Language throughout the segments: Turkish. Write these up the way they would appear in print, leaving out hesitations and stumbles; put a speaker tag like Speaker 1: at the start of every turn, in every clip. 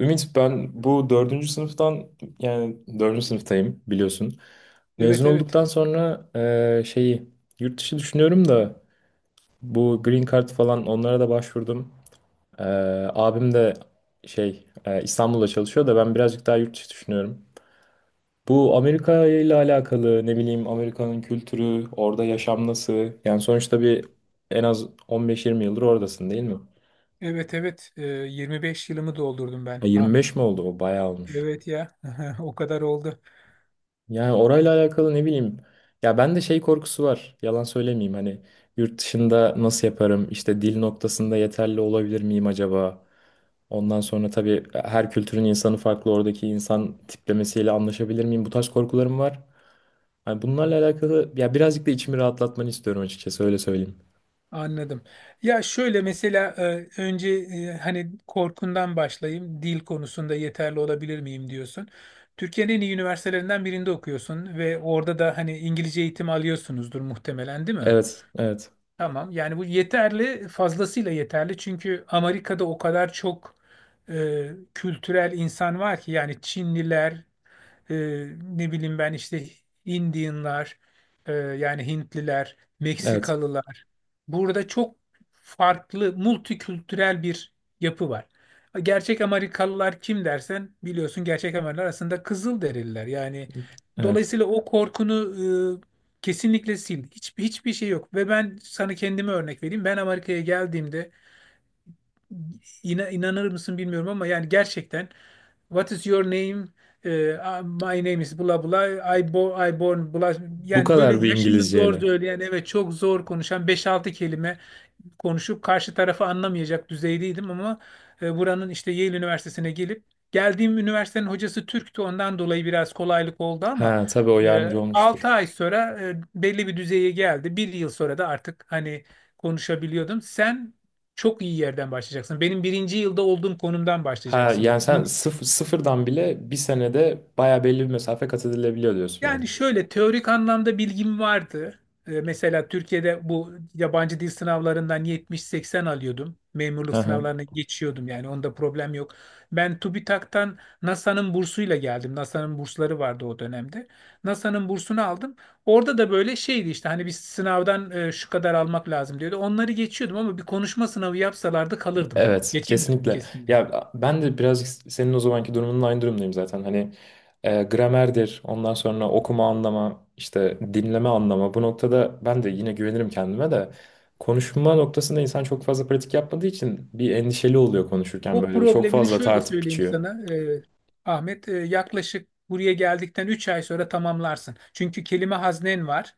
Speaker 1: Ümit, ben bu dördüncü sınıftan, yani dördüncü sınıftayım, biliyorsun. Mezun
Speaker 2: Evet evet.
Speaker 1: olduktan sonra şeyi yurt dışı düşünüyorum da bu Green Card falan onlara da başvurdum. Eee, Abim de şey İstanbul'da çalışıyor da ben birazcık daha yurt dışı düşünüyorum. Bu Amerika ile alakalı, ne bileyim, Amerika'nın kültürü, orada yaşam nasıl? Yani sonuçta bir en az 15-20 yıldır oradasın, değil mi?
Speaker 2: Evet evet. 25 yılımı doldurdum
Speaker 1: E,
Speaker 2: ben
Speaker 1: 25
Speaker 2: Ahmet.
Speaker 1: mi oldu? O bayağı olmuş.
Speaker 2: Evet ya. O kadar oldu.
Speaker 1: Yani orayla alakalı ne bileyim. Ya ben de şey korkusu var. Yalan söylemeyeyim, hani yurt dışında nasıl yaparım? İşte dil noktasında yeterli olabilir miyim acaba? Ondan sonra tabii her kültürün insanı farklı. Oradaki insan tiplemesiyle anlaşabilir miyim? Bu tarz korkularım var. Hani bunlarla alakalı ya birazcık da içimi rahatlatmanı istiyorum, açıkçası öyle söyleyeyim.
Speaker 2: Anladım. Ya şöyle mesela önce hani korkundan başlayayım. Dil konusunda yeterli olabilir miyim diyorsun. Türkiye'nin en iyi üniversitelerinden birinde okuyorsun ve orada da hani İngilizce eğitim alıyorsunuzdur muhtemelen, değil mi?
Speaker 1: Evet, evet,
Speaker 2: Tamam. Yani bu yeterli, fazlasıyla yeterli. Çünkü Amerika'da o kadar çok kültürel insan var ki yani Çinliler, e, ne bileyim ben işte Indianlar, yani Hintliler,
Speaker 1: evet,
Speaker 2: Meksikalılar. Burada çok farklı, multikültürel bir yapı var. Gerçek Amerikalılar kim dersen biliyorsun, gerçek Amerikalılar aslında Kızılderililer. Yani
Speaker 1: evet.
Speaker 2: dolayısıyla o korkunu kesinlikle sil. Hiç, hiçbir şey yok. Ve ben sana kendime örnek vereyim. Ben Amerika'ya geldiğimde inanır mısın bilmiyorum ama yani gerçekten What is your name? Ee, My name is bla bla. I, bo I born bla.
Speaker 1: Bu
Speaker 2: Yani böyle
Speaker 1: kadar bir
Speaker 2: yaşını zor
Speaker 1: İngilizceyle.
Speaker 2: söyleyen, evet, çok zor konuşan 5-6 kelime konuşup karşı tarafı anlamayacak düzeydeydim ama buranın işte Yale Üniversitesi'ne gelip geldiğim üniversitenin hocası Türk'tü, ondan dolayı biraz kolaylık oldu ama
Speaker 1: Ha, tabii o yardımcı
Speaker 2: 6
Speaker 1: olmuştur.
Speaker 2: ay sonra belli bir düzeye geldi. Bir yıl sonra da artık hani konuşabiliyordum. Sen çok iyi yerden başlayacaksın. Benim birinci yılda olduğum konumdan
Speaker 1: Ha,
Speaker 2: başlayacaksındır,
Speaker 1: yani sen
Speaker 2: eminim.
Speaker 1: sıfırdan bile bir senede baya belli bir mesafe kat edilebiliyor diyorsun yani.
Speaker 2: Yani şöyle teorik anlamda bilgim vardı. Mesela Türkiye'de bu yabancı dil sınavlarından 70-80 alıyordum.
Speaker 1: Hı
Speaker 2: Memurluk
Speaker 1: hı.
Speaker 2: sınavlarına geçiyordum, yani onda problem yok. Ben TÜBİTAK'tan NASA'nın bursuyla geldim. NASA'nın bursları vardı o dönemde. NASA'nın bursunu aldım. Orada da böyle şeydi işte hani bir sınavdan şu kadar almak lazım diyordu. Onları geçiyordum ama bir konuşma sınavı yapsalardı kalırdım.
Speaker 1: Evet,
Speaker 2: Geçemezdim
Speaker 1: kesinlikle.
Speaker 2: kesinlikle.
Speaker 1: Ya ben de birazcık senin o zamanki durumunun aynı durumdayım zaten. Hani gramerdir, ondan sonra okuma anlama, işte dinleme anlama. Bu noktada ben de yine güvenirim kendime de. Konuşma noktasında insan çok fazla pratik yapmadığı için bir endişeli oluyor konuşurken
Speaker 2: O
Speaker 1: böyle. Çok
Speaker 2: problemini
Speaker 1: fazla
Speaker 2: şöyle
Speaker 1: tartıp
Speaker 2: söyleyeyim
Speaker 1: biçiyor.
Speaker 2: sana Ahmet. Yaklaşık buraya geldikten 3 ay sonra tamamlarsın. Çünkü kelime haznen var.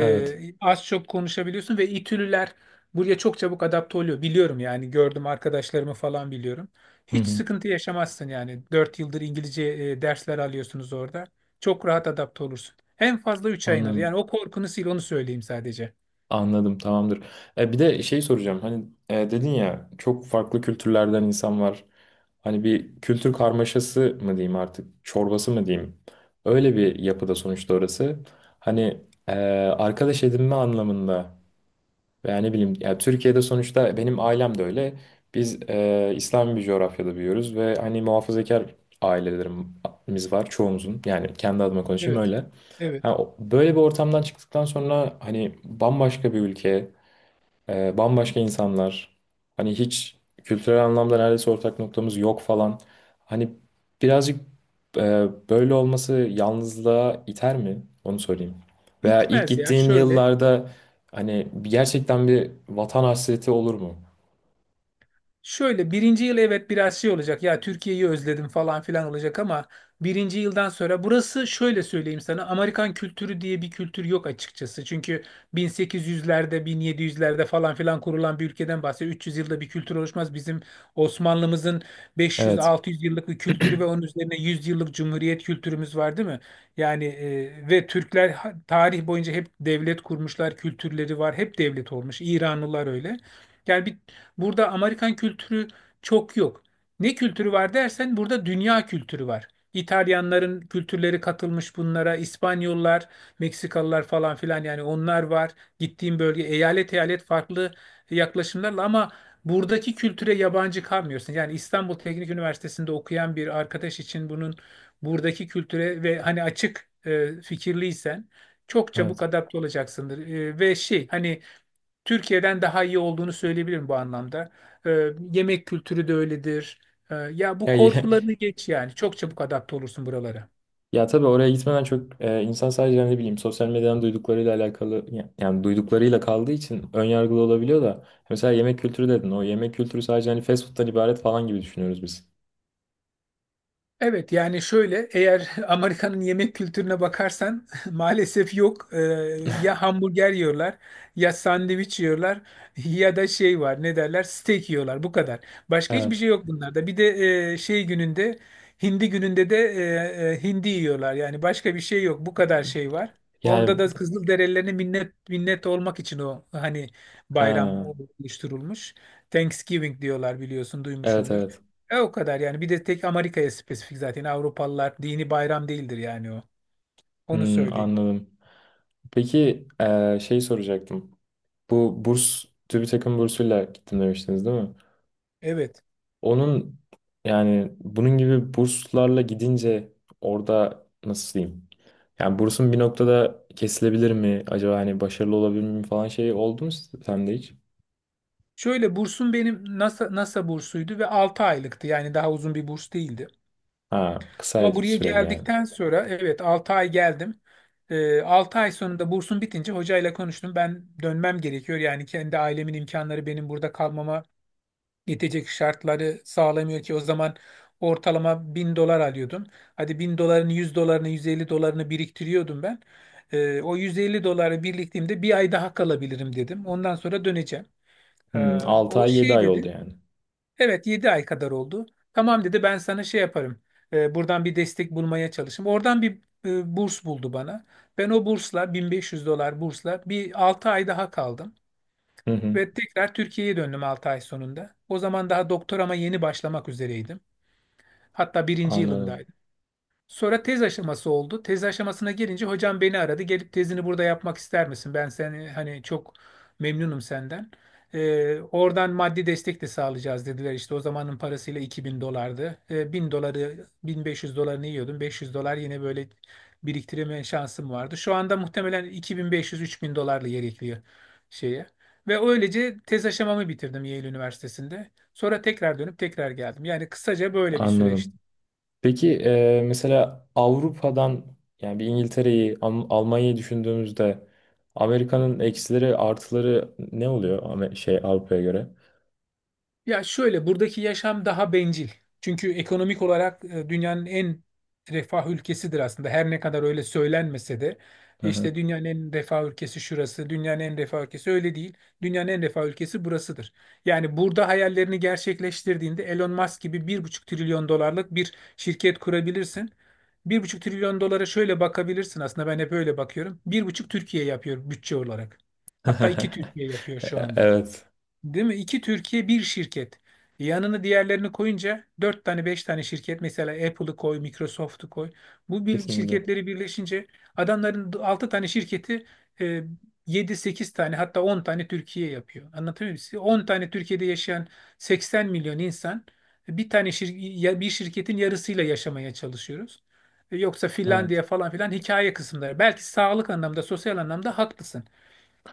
Speaker 1: Evet,
Speaker 2: Az çok konuşabiliyorsun ve İtülüler buraya çok çabuk adapte oluyor. Biliyorum yani, gördüm arkadaşlarımı falan biliyorum.
Speaker 1: hı
Speaker 2: Hiç
Speaker 1: hı.
Speaker 2: sıkıntı yaşamazsın yani. Dört yıldır İngilizce dersler alıyorsunuz orada. Çok rahat adapte olursun. En fazla 3 ay alır. Yani
Speaker 1: Anladım.
Speaker 2: o korkunu sil, onu söyleyeyim sadece.
Speaker 1: Anladım, tamamdır. E, bir de şey soracağım. Hani dedin ya, çok farklı kültürlerden insan var. Hani bir kültür karmaşası mı diyeyim artık, çorbası mı diyeyim? Öyle bir yapıda sonuçta orası. Hani e, arkadaş edinme anlamında. Veya ne bileyim, ya Türkiye'de sonuçta benim ailem de öyle. Biz İslami bir coğrafyada büyüyoruz ve hani muhafazakar ailelerimiz var çoğumuzun. Yani kendi adıma konuşayım
Speaker 2: Evet.
Speaker 1: öyle.
Speaker 2: Evet.
Speaker 1: Ha, böyle bir ortamdan çıktıktan sonra hani bambaşka bir ülke, bambaşka insanlar. Hani hiç kültürel anlamda neredeyse ortak noktamız yok falan. Hani birazcık böyle olması yalnızlığa iter mi? Onu sorayım. Veya ilk
Speaker 2: Bitmez ya,
Speaker 1: gittiğin
Speaker 2: şöyle.
Speaker 1: yıllarda hani gerçekten bir vatan hasreti olur mu?
Speaker 2: Şöyle birinci yıl evet biraz şey olacak, ya Türkiye'yi özledim falan filan olacak ama birinci yıldan sonra burası, şöyle söyleyeyim sana, Amerikan kültürü diye bir kültür yok açıkçası. Çünkü 1800'lerde, 1700'lerde falan filan kurulan bir ülkeden bahsediyor. 300 yılda bir kültür oluşmaz. Bizim Osmanlımızın
Speaker 1: Evet,
Speaker 2: 500-600 yıllık bir kültürü ve onun üzerine 100 yıllık cumhuriyet kültürümüz var, değil mi? Yani ve Türkler tarih boyunca hep devlet kurmuşlar, kültürleri var, hep devlet olmuş. İranlılar öyle. Yani burada Amerikan kültürü çok yok. Ne kültürü var dersen, burada dünya kültürü var. İtalyanların kültürleri katılmış bunlara, İspanyollar, Meksikalılar falan filan, yani onlar var. Gittiğim bölge eyalet eyalet farklı yaklaşımlarla ama buradaki kültüre yabancı kalmıyorsun. Yani İstanbul Teknik Üniversitesi'nde okuyan bir arkadaş için bunun buradaki kültüre ve hani açık fikirliysen çok çabuk
Speaker 1: evet.
Speaker 2: adapte olacaksındır. Ve şey, hani Türkiye'den daha iyi olduğunu söyleyebilirim bu anlamda. Yemek kültürü de öyledir. Ya bu
Speaker 1: Ya, ya,
Speaker 2: korkularını geç yani. Çok çabuk adapte olursun buralara.
Speaker 1: ya tabii oraya gitmeden çok insan sadece ne bileyim sosyal medyadan duyduklarıyla alakalı yani duyduklarıyla kaldığı için ön yargılı olabiliyor da mesela yemek kültürü dedin, o yemek kültürü sadece hani fast food'dan ibaret falan gibi düşünüyoruz biz.
Speaker 2: Evet, yani şöyle, eğer Amerika'nın yemek kültürüne bakarsan maalesef yok. Ya hamburger yiyorlar ya sandviç yiyorlar ya da şey var, ne derler, steak yiyorlar, bu kadar. Başka hiçbir
Speaker 1: Evet.
Speaker 2: şey yok bunlarda. Bir de şey gününde, hindi gününde de hindi yiyorlar yani, başka bir şey yok, bu kadar şey var. Onda
Speaker 1: Yani
Speaker 2: da Kızılderililerine minnet minnet olmak için o hani bayram
Speaker 1: ha,
Speaker 2: oluşturulmuş. Thanksgiving diyorlar, biliyorsun
Speaker 1: evet
Speaker 2: duymuşsundur.
Speaker 1: evet.
Speaker 2: O kadar yani. Bir de tek Amerika'ya spesifik zaten. Avrupalılar dini bayram değildir yani o. Onu
Speaker 1: Hmm,
Speaker 2: söyleyeyim.
Speaker 1: anladım. Peki şey soracaktım. Bu burs TÜBİTAK'ın bursuyla gittim demiştiniz değil mi?
Speaker 2: Evet.
Speaker 1: Onun, yani bunun gibi burslarla gidince orada nasıl diyeyim? Yani bursun bir noktada kesilebilir mi? Acaba hani başarılı olabilir mi falan, şey oldu mu sende hiç?
Speaker 2: Şöyle bursum benim NASA bursuydu ve 6 aylıktı. Yani daha uzun bir burs değildi.
Speaker 1: Ha, kısa
Speaker 2: Ama buraya
Speaker 1: süreli yani.
Speaker 2: geldikten sonra evet, 6 ay geldim. 6 ay sonunda bursum bitince hocayla konuştum. Ben dönmem gerekiyor. Yani kendi ailemin imkanları benim burada kalmama yetecek şartları sağlamıyor ki o zaman ortalama 1000 dolar alıyordum. Hadi 1000 dolarını, 100 dolarını, 150 dolarını biriktiriyordum ben. O 150 doları biriktiğimde bir ay daha kalabilirim dedim. Ondan sonra döneceğim. Ee,
Speaker 1: Hmm, 6
Speaker 2: O
Speaker 1: ay 7
Speaker 2: şey
Speaker 1: ay oldu
Speaker 2: dedi.
Speaker 1: yani.
Speaker 2: Evet, 7 ay kadar oldu. Tamam dedi, ben sana şey yaparım. Buradan bir destek bulmaya çalışayım. Oradan bir burs buldu bana. Ben o bursla, 1500 dolar bursla, bir 6 ay daha kaldım.
Speaker 1: Hı hı,
Speaker 2: Ve tekrar Türkiye'ye döndüm 6 ay sonunda. O zaman daha doktorama yeni başlamak üzereydim. Hatta birinci
Speaker 1: anladım.
Speaker 2: yılındaydım. Sonra tez aşaması oldu. Tez aşamasına gelince hocam beni aradı. Gelip tezini burada yapmak ister misin? Ben seni hani, çok memnunum senden. Oradan maddi destek de sağlayacağız dediler. İşte o zamanın parasıyla 2000 dolardı. 1000 doları, 1500 dolarını yiyordum. 500 dolar yine böyle biriktirme şansım vardı. Şu anda muhtemelen 2500-3000 dolarla yer şeye. Ve öylece tez aşamamı bitirdim Yale Üniversitesi'nde. Sonra tekrar dönüp tekrar geldim. Yani kısaca böyle bir
Speaker 1: Anladım.
Speaker 2: süreçti.
Speaker 1: Peki mesela Avrupa'dan, yani bir İngiltere'yi, Almanya'yı düşündüğümüzde Amerika'nın eksileri, artıları ne oluyor, şey, Avrupa'ya göre?
Speaker 2: Ya şöyle, buradaki yaşam daha bencil. Çünkü ekonomik olarak dünyanın en refah ülkesidir aslında. Her ne kadar öyle söylenmese de
Speaker 1: Hı hı.
Speaker 2: işte dünyanın en refah ülkesi şurası, dünyanın en refah ülkesi öyle değil. Dünyanın en refah ülkesi burasıdır. Yani burada hayallerini gerçekleştirdiğinde Elon Musk gibi 1,5 trilyon dolarlık bir şirket kurabilirsin. Bir buçuk trilyon dolara şöyle bakabilirsin aslında, ben hep öyle bakıyorum. Bir buçuk Türkiye yapıyor bütçe olarak. Hatta 2 Türkiye yapıyor şu anda.
Speaker 1: Evet,
Speaker 2: Değil mi? İki Türkiye bir şirket. Yanına diğerlerini koyunca dört tane, beş tane şirket, mesela Apple'ı koy, Microsoft'u koy. Bu
Speaker 1: kesinlikle.
Speaker 2: şirketleri birleşince adamların altı tane şirketi e, yedi, sekiz tane, hatta 10 tane Türkiye yapıyor. Anlatabiliyor muyum size? 10 tane Türkiye'de yaşayan 80 milyon insan bir tane bir şirketin yarısıyla yaşamaya çalışıyoruz. Yoksa
Speaker 1: Evet.
Speaker 2: Finlandiya falan filan hikaye kısımları. Belki sağlık anlamda, sosyal anlamda haklısın.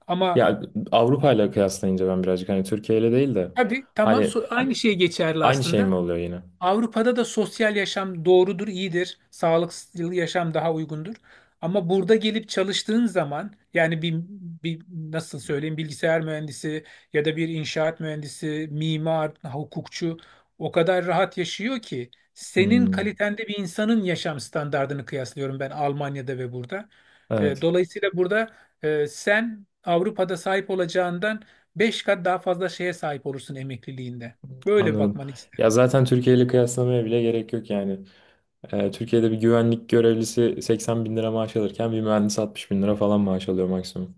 Speaker 2: Ama.
Speaker 1: Ya Avrupa ile kıyaslayınca ben birazcık, hani Türkiye ile değil de,
Speaker 2: Tabii, tamam,
Speaker 1: hani
Speaker 2: aynı şey geçerli
Speaker 1: aynı şey
Speaker 2: aslında.
Speaker 1: mi oluyor yine?
Speaker 2: Avrupa'da da sosyal yaşam doğrudur, iyidir. Sağlıklı yaşam daha uygundur. Ama burada gelip çalıştığın zaman yani bir nasıl söyleyeyim, bilgisayar mühendisi ya da bir inşaat mühendisi, mimar, hukukçu o kadar rahat yaşıyor ki senin
Speaker 1: Hmm,
Speaker 2: kalitende bir insanın yaşam standardını kıyaslıyorum ben Almanya'da ve burada.
Speaker 1: evet,
Speaker 2: Dolayısıyla burada sen Avrupa'da sahip olacağından 5 kat daha fazla şeye sahip olursun emekliliğinde. Böyle
Speaker 1: anladım.
Speaker 2: bakmanı
Speaker 1: Ya
Speaker 2: isterim.
Speaker 1: zaten Türkiye ile kıyaslamaya bile gerek yok yani. Türkiye'de bir güvenlik görevlisi 80 bin lira maaş alırken bir mühendis 60 bin lira falan maaş alıyor maksimum.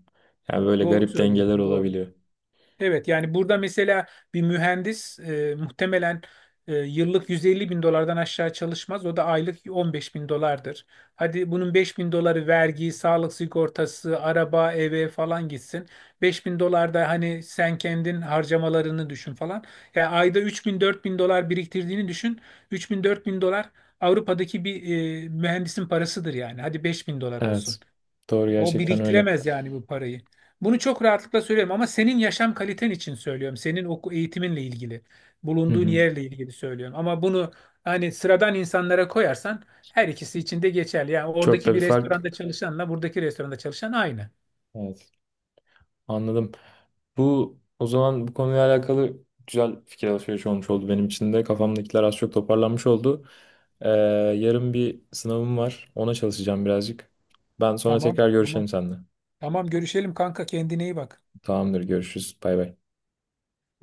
Speaker 1: Yani böyle
Speaker 2: Doğru
Speaker 1: garip dengeler
Speaker 2: söylüyorsun, doğru.
Speaker 1: olabiliyor.
Speaker 2: Evet, yani burada mesela bir mühendis muhtemelen yıllık 150 bin dolardan aşağı çalışmaz. O da aylık 15 bin dolardır. Hadi bunun 5 bin doları vergi, sağlık sigortası, araba, eve falan gitsin. 5 bin dolar da hani sen kendin harcamalarını düşün falan. Yani ayda 3 bin 4 bin dolar biriktirdiğini düşün. 3 bin 4 bin dolar Avrupa'daki bir mühendisin parasıdır yani. Hadi 5 bin dolar olsun.
Speaker 1: Evet. Doğru,
Speaker 2: O
Speaker 1: gerçekten öyle.
Speaker 2: biriktiremez yani bu parayı. Bunu çok rahatlıkla söylüyorum ama senin yaşam kaliten için söylüyorum. Senin eğitiminle ilgili,
Speaker 1: Hı
Speaker 2: bulunduğun
Speaker 1: hı.
Speaker 2: yerle ilgili söylüyorum. Ama bunu hani sıradan insanlara koyarsan her ikisi için de geçerli. Yani
Speaker 1: Çok da
Speaker 2: oradaki
Speaker 1: bir
Speaker 2: bir
Speaker 1: fark.
Speaker 2: restoranda çalışanla buradaki restoranda çalışan aynı.
Speaker 1: Evet. Anladım. Bu, o zaman, bu konuyla alakalı güzel fikir alışverişi olmuş oldu benim için de. Kafamdakiler az çok toparlanmış oldu. Ee, Yarın bir sınavım var. Ona çalışacağım birazcık. Ben sonra
Speaker 2: Tamam,
Speaker 1: tekrar görüşelim
Speaker 2: tamam.
Speaker 1: seninle.
Speaker 2: Tamam, görüşelim kanka, kendine iyi bak.
Speaker 1: Tamamdır, görüşürüz. Bay bay.
Speaker 2: Bye.